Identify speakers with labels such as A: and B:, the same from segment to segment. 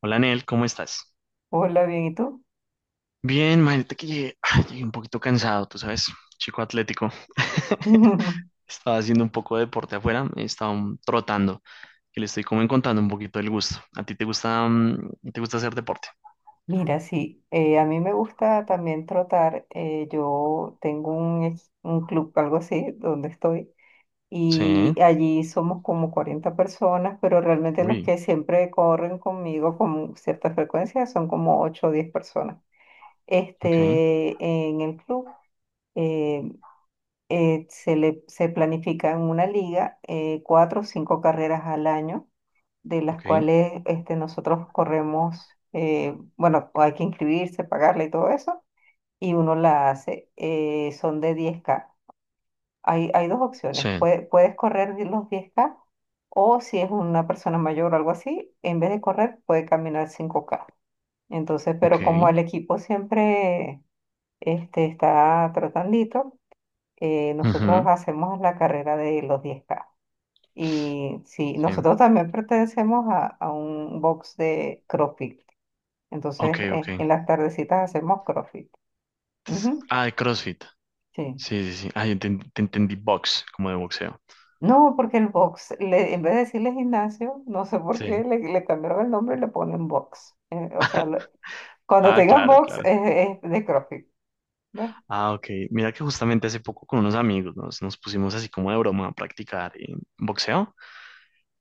A: Hola, Nel, ¿cómo estás?
B: Hola, bien, ¿y tú?
A: Bien, imagínate que llegué, ay, llegué un poquito cansado, tú sabes, chico atlético. Estaba haciendo un poco de deporte afuera, estaba trotando, que le estoy como encontrando un poquito el gusto. ¿A ti te gusta hacer deporte?
B: Mira, sí, a mí me gusta también trotar. Yo tengo un club, algo así, donde estoy,
A: Sí,
B: y allí somos como 40 personas, pero realmente los
A: uy,
B: que siempre corren conmigo con cierta frecuencia son como 8 o 10 personas.
A: ok,
B: Este, en el club eh, se planifica en una liga cuatro o cinco carreras al año, de las
A: ok,
B: cuales nosotros corremos. Bueno, hay que inscribirse, pagarle y todo eso, y uno la hace. Son de 10 K. Hay, hay dos opciones,
A: sí,
B: puedes correr de los 10 K, o si es una persona mayor o algo así, en vez de correr puede caminar 5 K. Entonces, pero como
A: ok,
B: el equipo siempre está tratandito, nosotros
A: ujú,
B: hacemos la carrera de los 10 K. Y sí,
A: sí,
B: nosotros también pertenecemos a un box de CrossFit. Entonces,
A: ok, ok.
B: en las tardecitas hacemos CrossFit.
A: Entonces,
B: Ujú,
A: ah, de CrossFit.
B: sí.
A: Sí, sí, sí, ah, yo te entendí box, como de boxeo.
B: No, porque el box, en vez de decirle gimnasio, no sé por qué
A: Sí,
B: le cambiaron el nombre y le ponen box. O sea, cuando
A: ah,
B: tengan
A: claro,
B: box
A: claro.
B: es de CrossFit. ¿Ves?
A: Ah, ok. Mira que justamente hace poco con unos amigos nos pusimos así como de broma a practicar boxeo.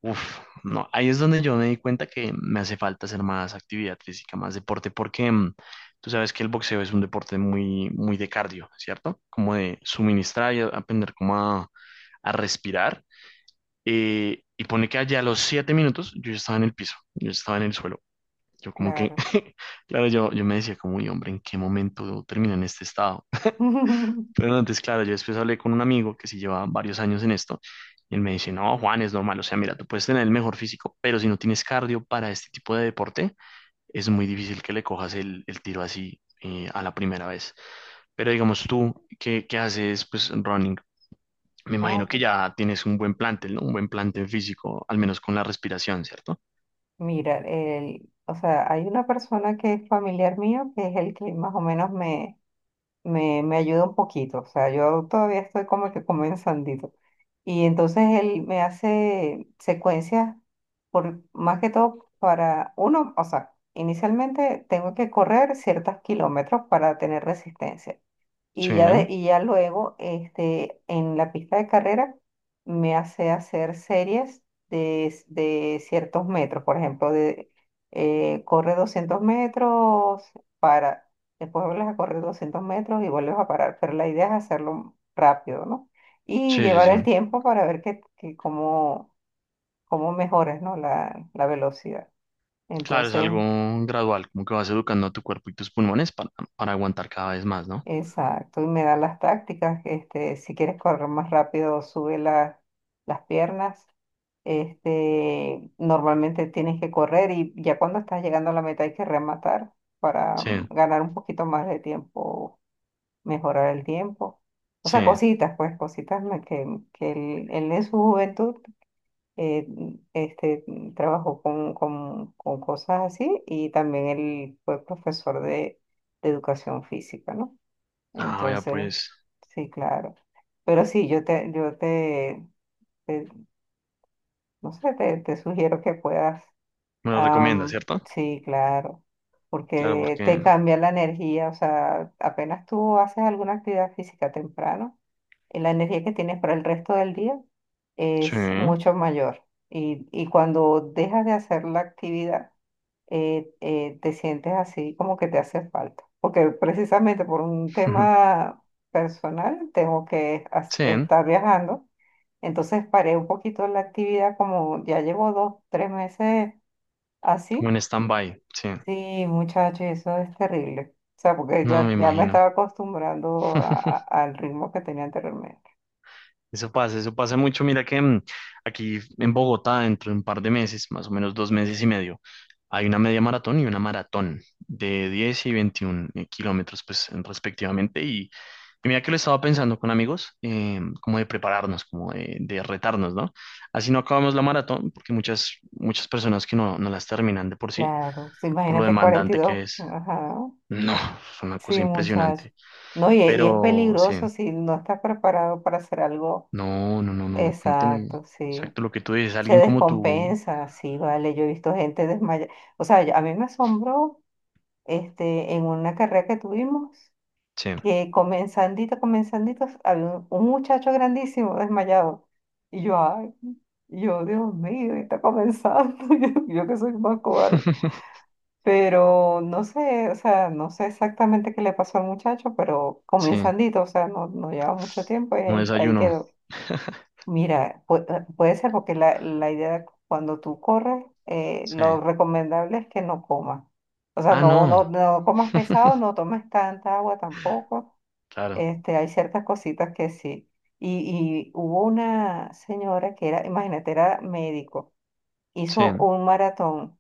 A: Uf, no, ahí es donde yo me di cuenta que me hace falta hacer más actividad física, más deporte, porque tú sabes que el boxeo es un deporte muy, muy de cardio, ¿cierto? Como de suministrar y aprender como a respirar. Y pone que allá a los 7 minutos yo ya estaba en el piso, yo ya estaba en el suelo. Yo como que,
B: Claro.
A: claro, yo me decía como: "Uy, hombre, ¿en qué momento termina en este estado?". Pero no, entonces, claro, yo después hablé con un amigo que sí lleva varios años en esto, y él me dice: "No, Juan, es normal, o sea, mira, tú puedes tener el mejor físico, pero si no tienes cardio para este tipo de deporte, es muy difícil que le cojas el tiro así a la primera vez". Pero digamos tú, ¿qué haces, pues, running? Me imagino que
B: Claro.
A: ya tienes un buen plantel, ¿no? Un buen plantel físico, al menos con la respiración, ¿cierto?
B: Mira, el, o sea, hay una persona que es familiar mío, que es el que más o menos me ayuda un poquito. O sea, yo todavía estoy como que comenzandito. Y entonces él me hace secuencias, por, más que todo para uno. O sea, inicialmente tengo que correr ciertos kilómetros para tener resistencia. Y
A: Sí,
B: ya, y ya luego, en la pista de carrera, me hace hacer series de ciertos metros. Por ejemplo, de, corre 200 metros, para, después vuelves a correr 200 metros y vuelves a parar. Pero la idea es hacerlo rápido, ¿no? Y
A: sí, sí,
B: llevar el
A: sí.
B: tiempo para ver que cómo, cómo mejoras, ¿no? La velocidad.
A: Claro, es
B: Entonces,
A: algo gradual, como que vas educando a tu cuerpo y tus pulmones para aguantar cada vez más, ¿no?
B: exacto, y me da las tácticas, este, si quieres correr más rápido, las piernas. Este, normalmente tienes que correr y ya cuando estás llegando a la meta hay que rematar para
A: Sí,
B: ganar un poquito más de tiempo, mejorar el tiempo. O
A: sí.
B: sea, cositas, pues, que él en su juventud eh, este, trabajó con cosas así, y también él fue profesor de educación física, ¿no?
A: Ah, ya,
B: Entonces,
A: pues.
B: sí, claro. Pero sí, te- no sé, te sugiero que puedas.
A: Me lo recomienda, ¿cierto?
B: Sí, claro.
A: Claro,
B: Porque
A: porque
B: te cambia la energía. O sea, apenas tú haces alguna actividad física temprano, la energía que tienes para el resto del día es
A: sí,
B: mucho mayor. Y cuando dejas de hacer la actividad, te sientes así como que te hace falta. Porque precisamente por un tema personal tengo que
A: sí,
B: estar viajando. Entonces paré un poquito la actividad, como ya llevo dos, tres meses
A: como en
B: así.
A: stand-by, sí.
B: Sí, muchachos, eso es terrible. O sea, porque
A: No,
B: ya,
A: me
B: ya me
A: imagino.
B: estaba acostumbrando al ritmo que tenía anteriormente.
A: Eso pasa mucho. Mira que aquí en Bogotá, dentro de un par de meses, más o menos 2 meses y medio, hay una media maratón y una maratón de 10 y 21 kilómetros, pues, respectivamente. Y mira que lo estaba pensando con amigos, como de prepararnos, como de retarnos, ¿no? Así no acabamos la maratón, porque muchas, muchas personas que no, no las terminan de por sí,
B: Claro, sí,
A: por lo
B: imagínate
A: demandante
B: 42.
A: que es.
B: Ajá.
A: No, fue una
B: Sí,
A: cosa
B: muchacho.
A: impresionante.
B: No, y es
A: Pero sí,
B: peligroso si no estás preparado para hacer algo.
A: no, no, no, no, no tiene
B: Exacto, sí.
A: exacto lo que tú dices.
B: Se
A: Alguien como tú,
B: descompensa, sí, vale. Yo he visto gente desmayada. O sea, a mí me asombró, en una carrera que tuvimos,
A: sí,
B: que comenzandito, comenzandito, había un muchacho grandísimo desmayado. Y yo, ay, y yo, Dios mío, está comenzando. Yo que soy más cobarde. Pero no sé, o sea, no sé exactamente qué le pasó al muchacho, pero
A: sí,
B: comenzandito, o sea, no, no lleva mucho tiempo y
A: no
B: ahí, ahí
A: desayuno,
B: quedó. Mira, puede ser porque la idea cuando tú corres,
A: sí.
B: lo recomendable es que no comas. O sea,
A: Ah,
B: no,
A: no,
B: no, no comas pesado, no tomes tanta agua tampoco.
A: claro,
B: Este, hay ciertas cositas que sí. Y, y hubo una señora que era, imagínate, era médico, hizo
A: sí.
B: un maratón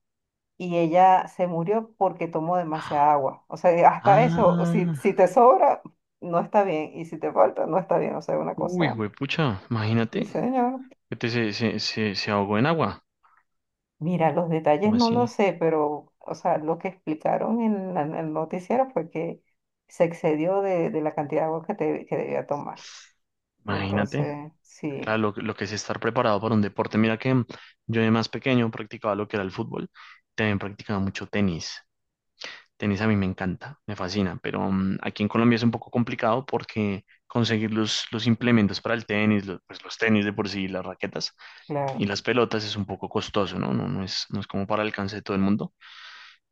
B: y ella se murió porque tomó demasiada agua. O sea, hasta eso, si,
A: Ah,
B: si te sobra, no está bien, y si te falta, no está bien. O sea, una
A: uy,
B: cosa,
A: pucha,
B: sí,
A: imagínate
B: señor.
A: que te, se ahogó en agua,
B: Mira, los detalles
A: o
B: no lo
A: así,
B: sé, pero, o sea, lo que explicaron en en el noticiero fue que se excedió de la cantidad de agua que debía tomar.
A: imagínate.
B: Entonces, sí,
A: Claro, lo que es estar preparado para un deporte. Mira que yo, de más pequeño, practicaba lo que era el fútbol, también practicaba mucho tenis. Tenis a mí me encanta, me fascina, pero aquí en Colombia es un poco complicado porque conseguir los implementos para el tenis, pues los tenis de por sí, las raquetas y
B: claro.
A: las pelotas es un poco costoso, ¿no? No, no es, como para el alcance de todo el mundo.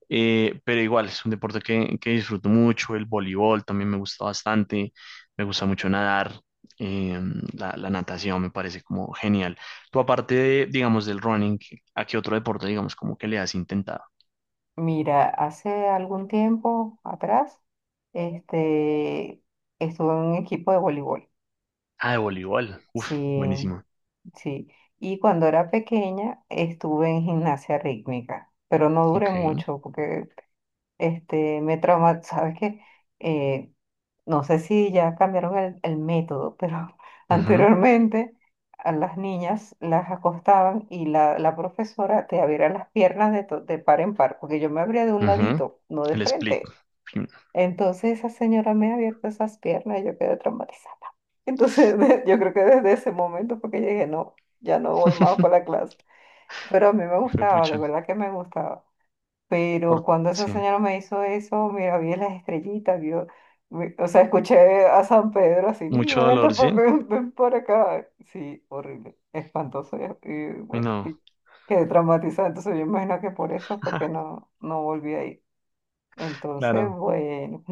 A: Pero igual, es un deporte que disfruto mucho, el voleibol también me gusta bastante, me gusta mucho nadar, eh, la natación me parece como genial. Tú, aparte de, digamos, del running, ¿a qué otro deporte, digamos, como que le has intentado?
B: Mira, hace algún tiempo atrás, este, estuve en un equipo de voleibol.
A: Ah, de voleibol, uf,
B: Sí,
A: buenísimo.
B: sí, y cuando era pequeña estuve en gimnasia rítmica, pero no duré
A: Ok.
B: mucho porque me trauma, sabes que no sé si ya cambiaron el método, pero
A: Ujú,
B: anteriormente a las niñas las acostaban y la profesora te abría las piernas de, de par en par, porque yo me abría de un
A: ujú.
B: ladito, no de
A: El split.
B: frente. Entonces esa señora me ha abierto esas piernas y yo quedé traumatizada. Entonces, yo creo que desde ese momento porque llegué, no, ya no voy más para la clase. Pero a mí me
A: Hijo de
B: gustaba, de
A: pucha.
B: verdad que me gustaba. Pero cuando esa
A: Sí.
B: señora me hizo eso, mira, vi las estrellitas, vio, o sea, escuché a San Pedro así,
A: Mucho
B: mira,
A: dolor, ¿sí?
B: ven, ven por acá. Sí, horrible, espantoso. Y
A: Uy,
B: bueno,
A: no.
B: y quedé traumatizada. Entonces, yo imagino que por eso fue que no, no volví a ir. Entonces,
A: Claro.
B: bueno,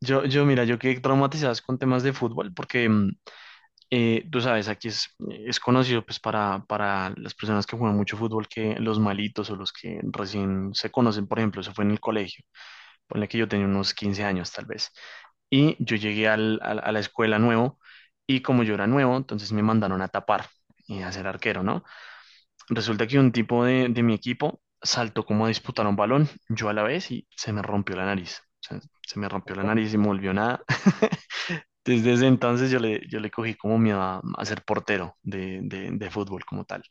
A: Mira, yo quedé traumatizado es con temas de fútbol porque, tú sabes, aquí es conocido, pues, para las personas que juegan mucho fútbol, que los malitos o los que recién se conocen, por ejemplo, eso fue en el colegio. Ponle que yo tenía unos 15 años tal vez. Y yo llegué a la escuela nuevo, y como yo era nuevo, entonces me mandaron a tapar y a ser arquero, ¿no? Resulta que un tipo de mi equipo saltó como a disputar un balón, yo a la vez, y se me rompió la nariz. O sea, se me rompió la nariz y me volvió nada. Desde ese entonces yo le, cogí como miedo a ser portero de fútbol como tal.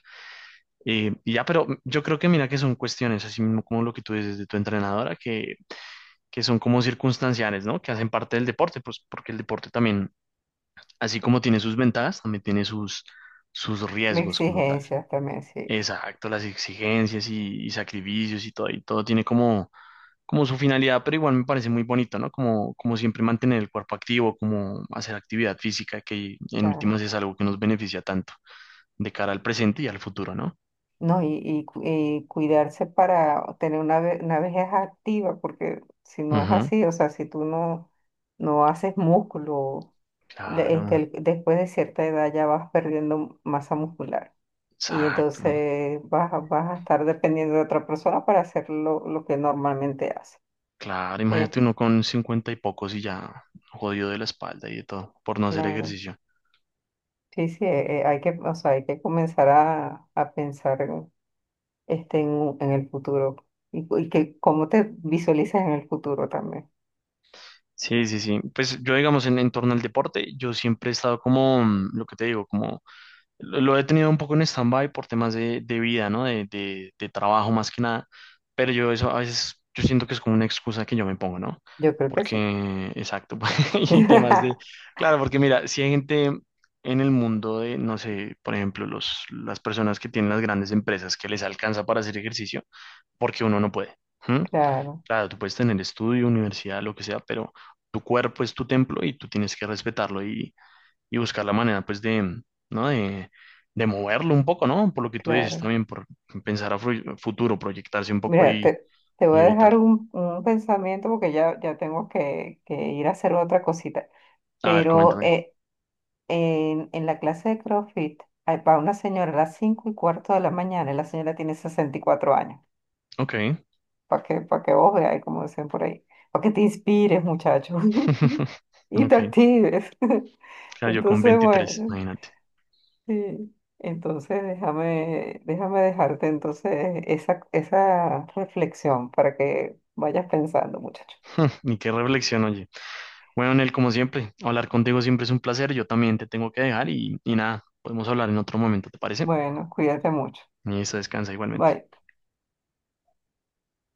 A: Y ya, pero yo creo que, mira, que son cuestiones, así mismo como lo que tú dices de tu entrenadora, que son como circunstanciales, ¿no? Que hacen parte del deporte, pues porque el deporte también, así como tiene sus ventajas, también tiene sus
B: mis
A: riesgos como tal.
B: exigencias también, sí.
A: Exacto, las exigencias y sacrificios y todo tiene como su finalidad, pero igual me parece muy bonito, ¿no? Como siempre mantener el cuerpo activo, como hacer actividad física, que en últimas es algo que nos beneficia tanto de cara al presente y al futuro, ¿no?
B: No, y cuidarse para tener una, una vejez activa, porque si no es
A: Ujú,
B: así, o sea, si tú no, no haces músculo,
A: claro,
B: después de cierta edad ya vas perdiendo masa muscular. Y
A: exacto.
B: entonces vas, vas a estar dependiendo de otra persona para hacer lo que normalmente hace.
A: Claro,
B: Eh,
A: imagínate uno con cincuenta y pocos y ya jodido de la espalda y de todo por no hacer
B: claro.
A: ejercicio.
B: Sí, sí, hay que, o sea, hay que comenzar a pensar este, en, en el futuro, y que cómo te visualizas en el futuro también.
A: Sí, sí, sí. Pues yo, digamos, en torno al deporte, yo siempre he estado como, mm, lo que te digo, como lo he tenido un poco en stand-by por temas de vida, ¿no? De trabajo más que nada. Pero yo, eso, a veces, yo siento que es como una excusa que yo me pongo, ¿no?
B: Yo creo que sí.
A: Porque, exacto, y temas de... Claro, porque mira, si hay gente en el mundo de, no sé, por ejemplo, las personas que tienen las grandes empresas, que les alcanza para hacer ejercicio, porque uno no puede. ¿Mm?
B: Claro,
A: Claro, tú puedes tener estudio, universidad, lo que sea, pero tu cuerpo es tu templo y tú tienes que respetarlo y buscar la manera, pues, de, ¿no? De moverlo un poco, ¿no? Por lo que tú dices
B: claro.
A: también, por pensar a futuro, proyectarse un poco,
B: Mira, te voy
A: y
B: a
A: evitar.
B: dejar un pensamiento porque ya, ya tengo que ir a hacer otra cosita.
A: A ver,
B: Pero
A: coméntame.
B: en la clase de CrossFit, va una señora a las 5 y cuarto de la mañana y la señora tiene 64 años.
A: Ok.
B: Para que vos veas, como dicen por ahí. Para que te inspires, muchacho. Y te
A: Ok.
B: actives.
A: Claro, yo con
B: Entonces,
A: 23,
B: bueno.
A: imagínate.
B: Sí. Entonces, déjame, déjame dejarte entonces esa reflexión para que vayas pensando, muchacho.
A: Ni qué reflexión, oye. Bueno, Nel, como siempre, hablar contigo siempre es un placer. Yo también te tengo que dejar y nada, podemos hablar en otro momento, ¿te parece?
B: Bueno, cuídate mucho.
A: Y eso, descansa igualmente.
B: Bye.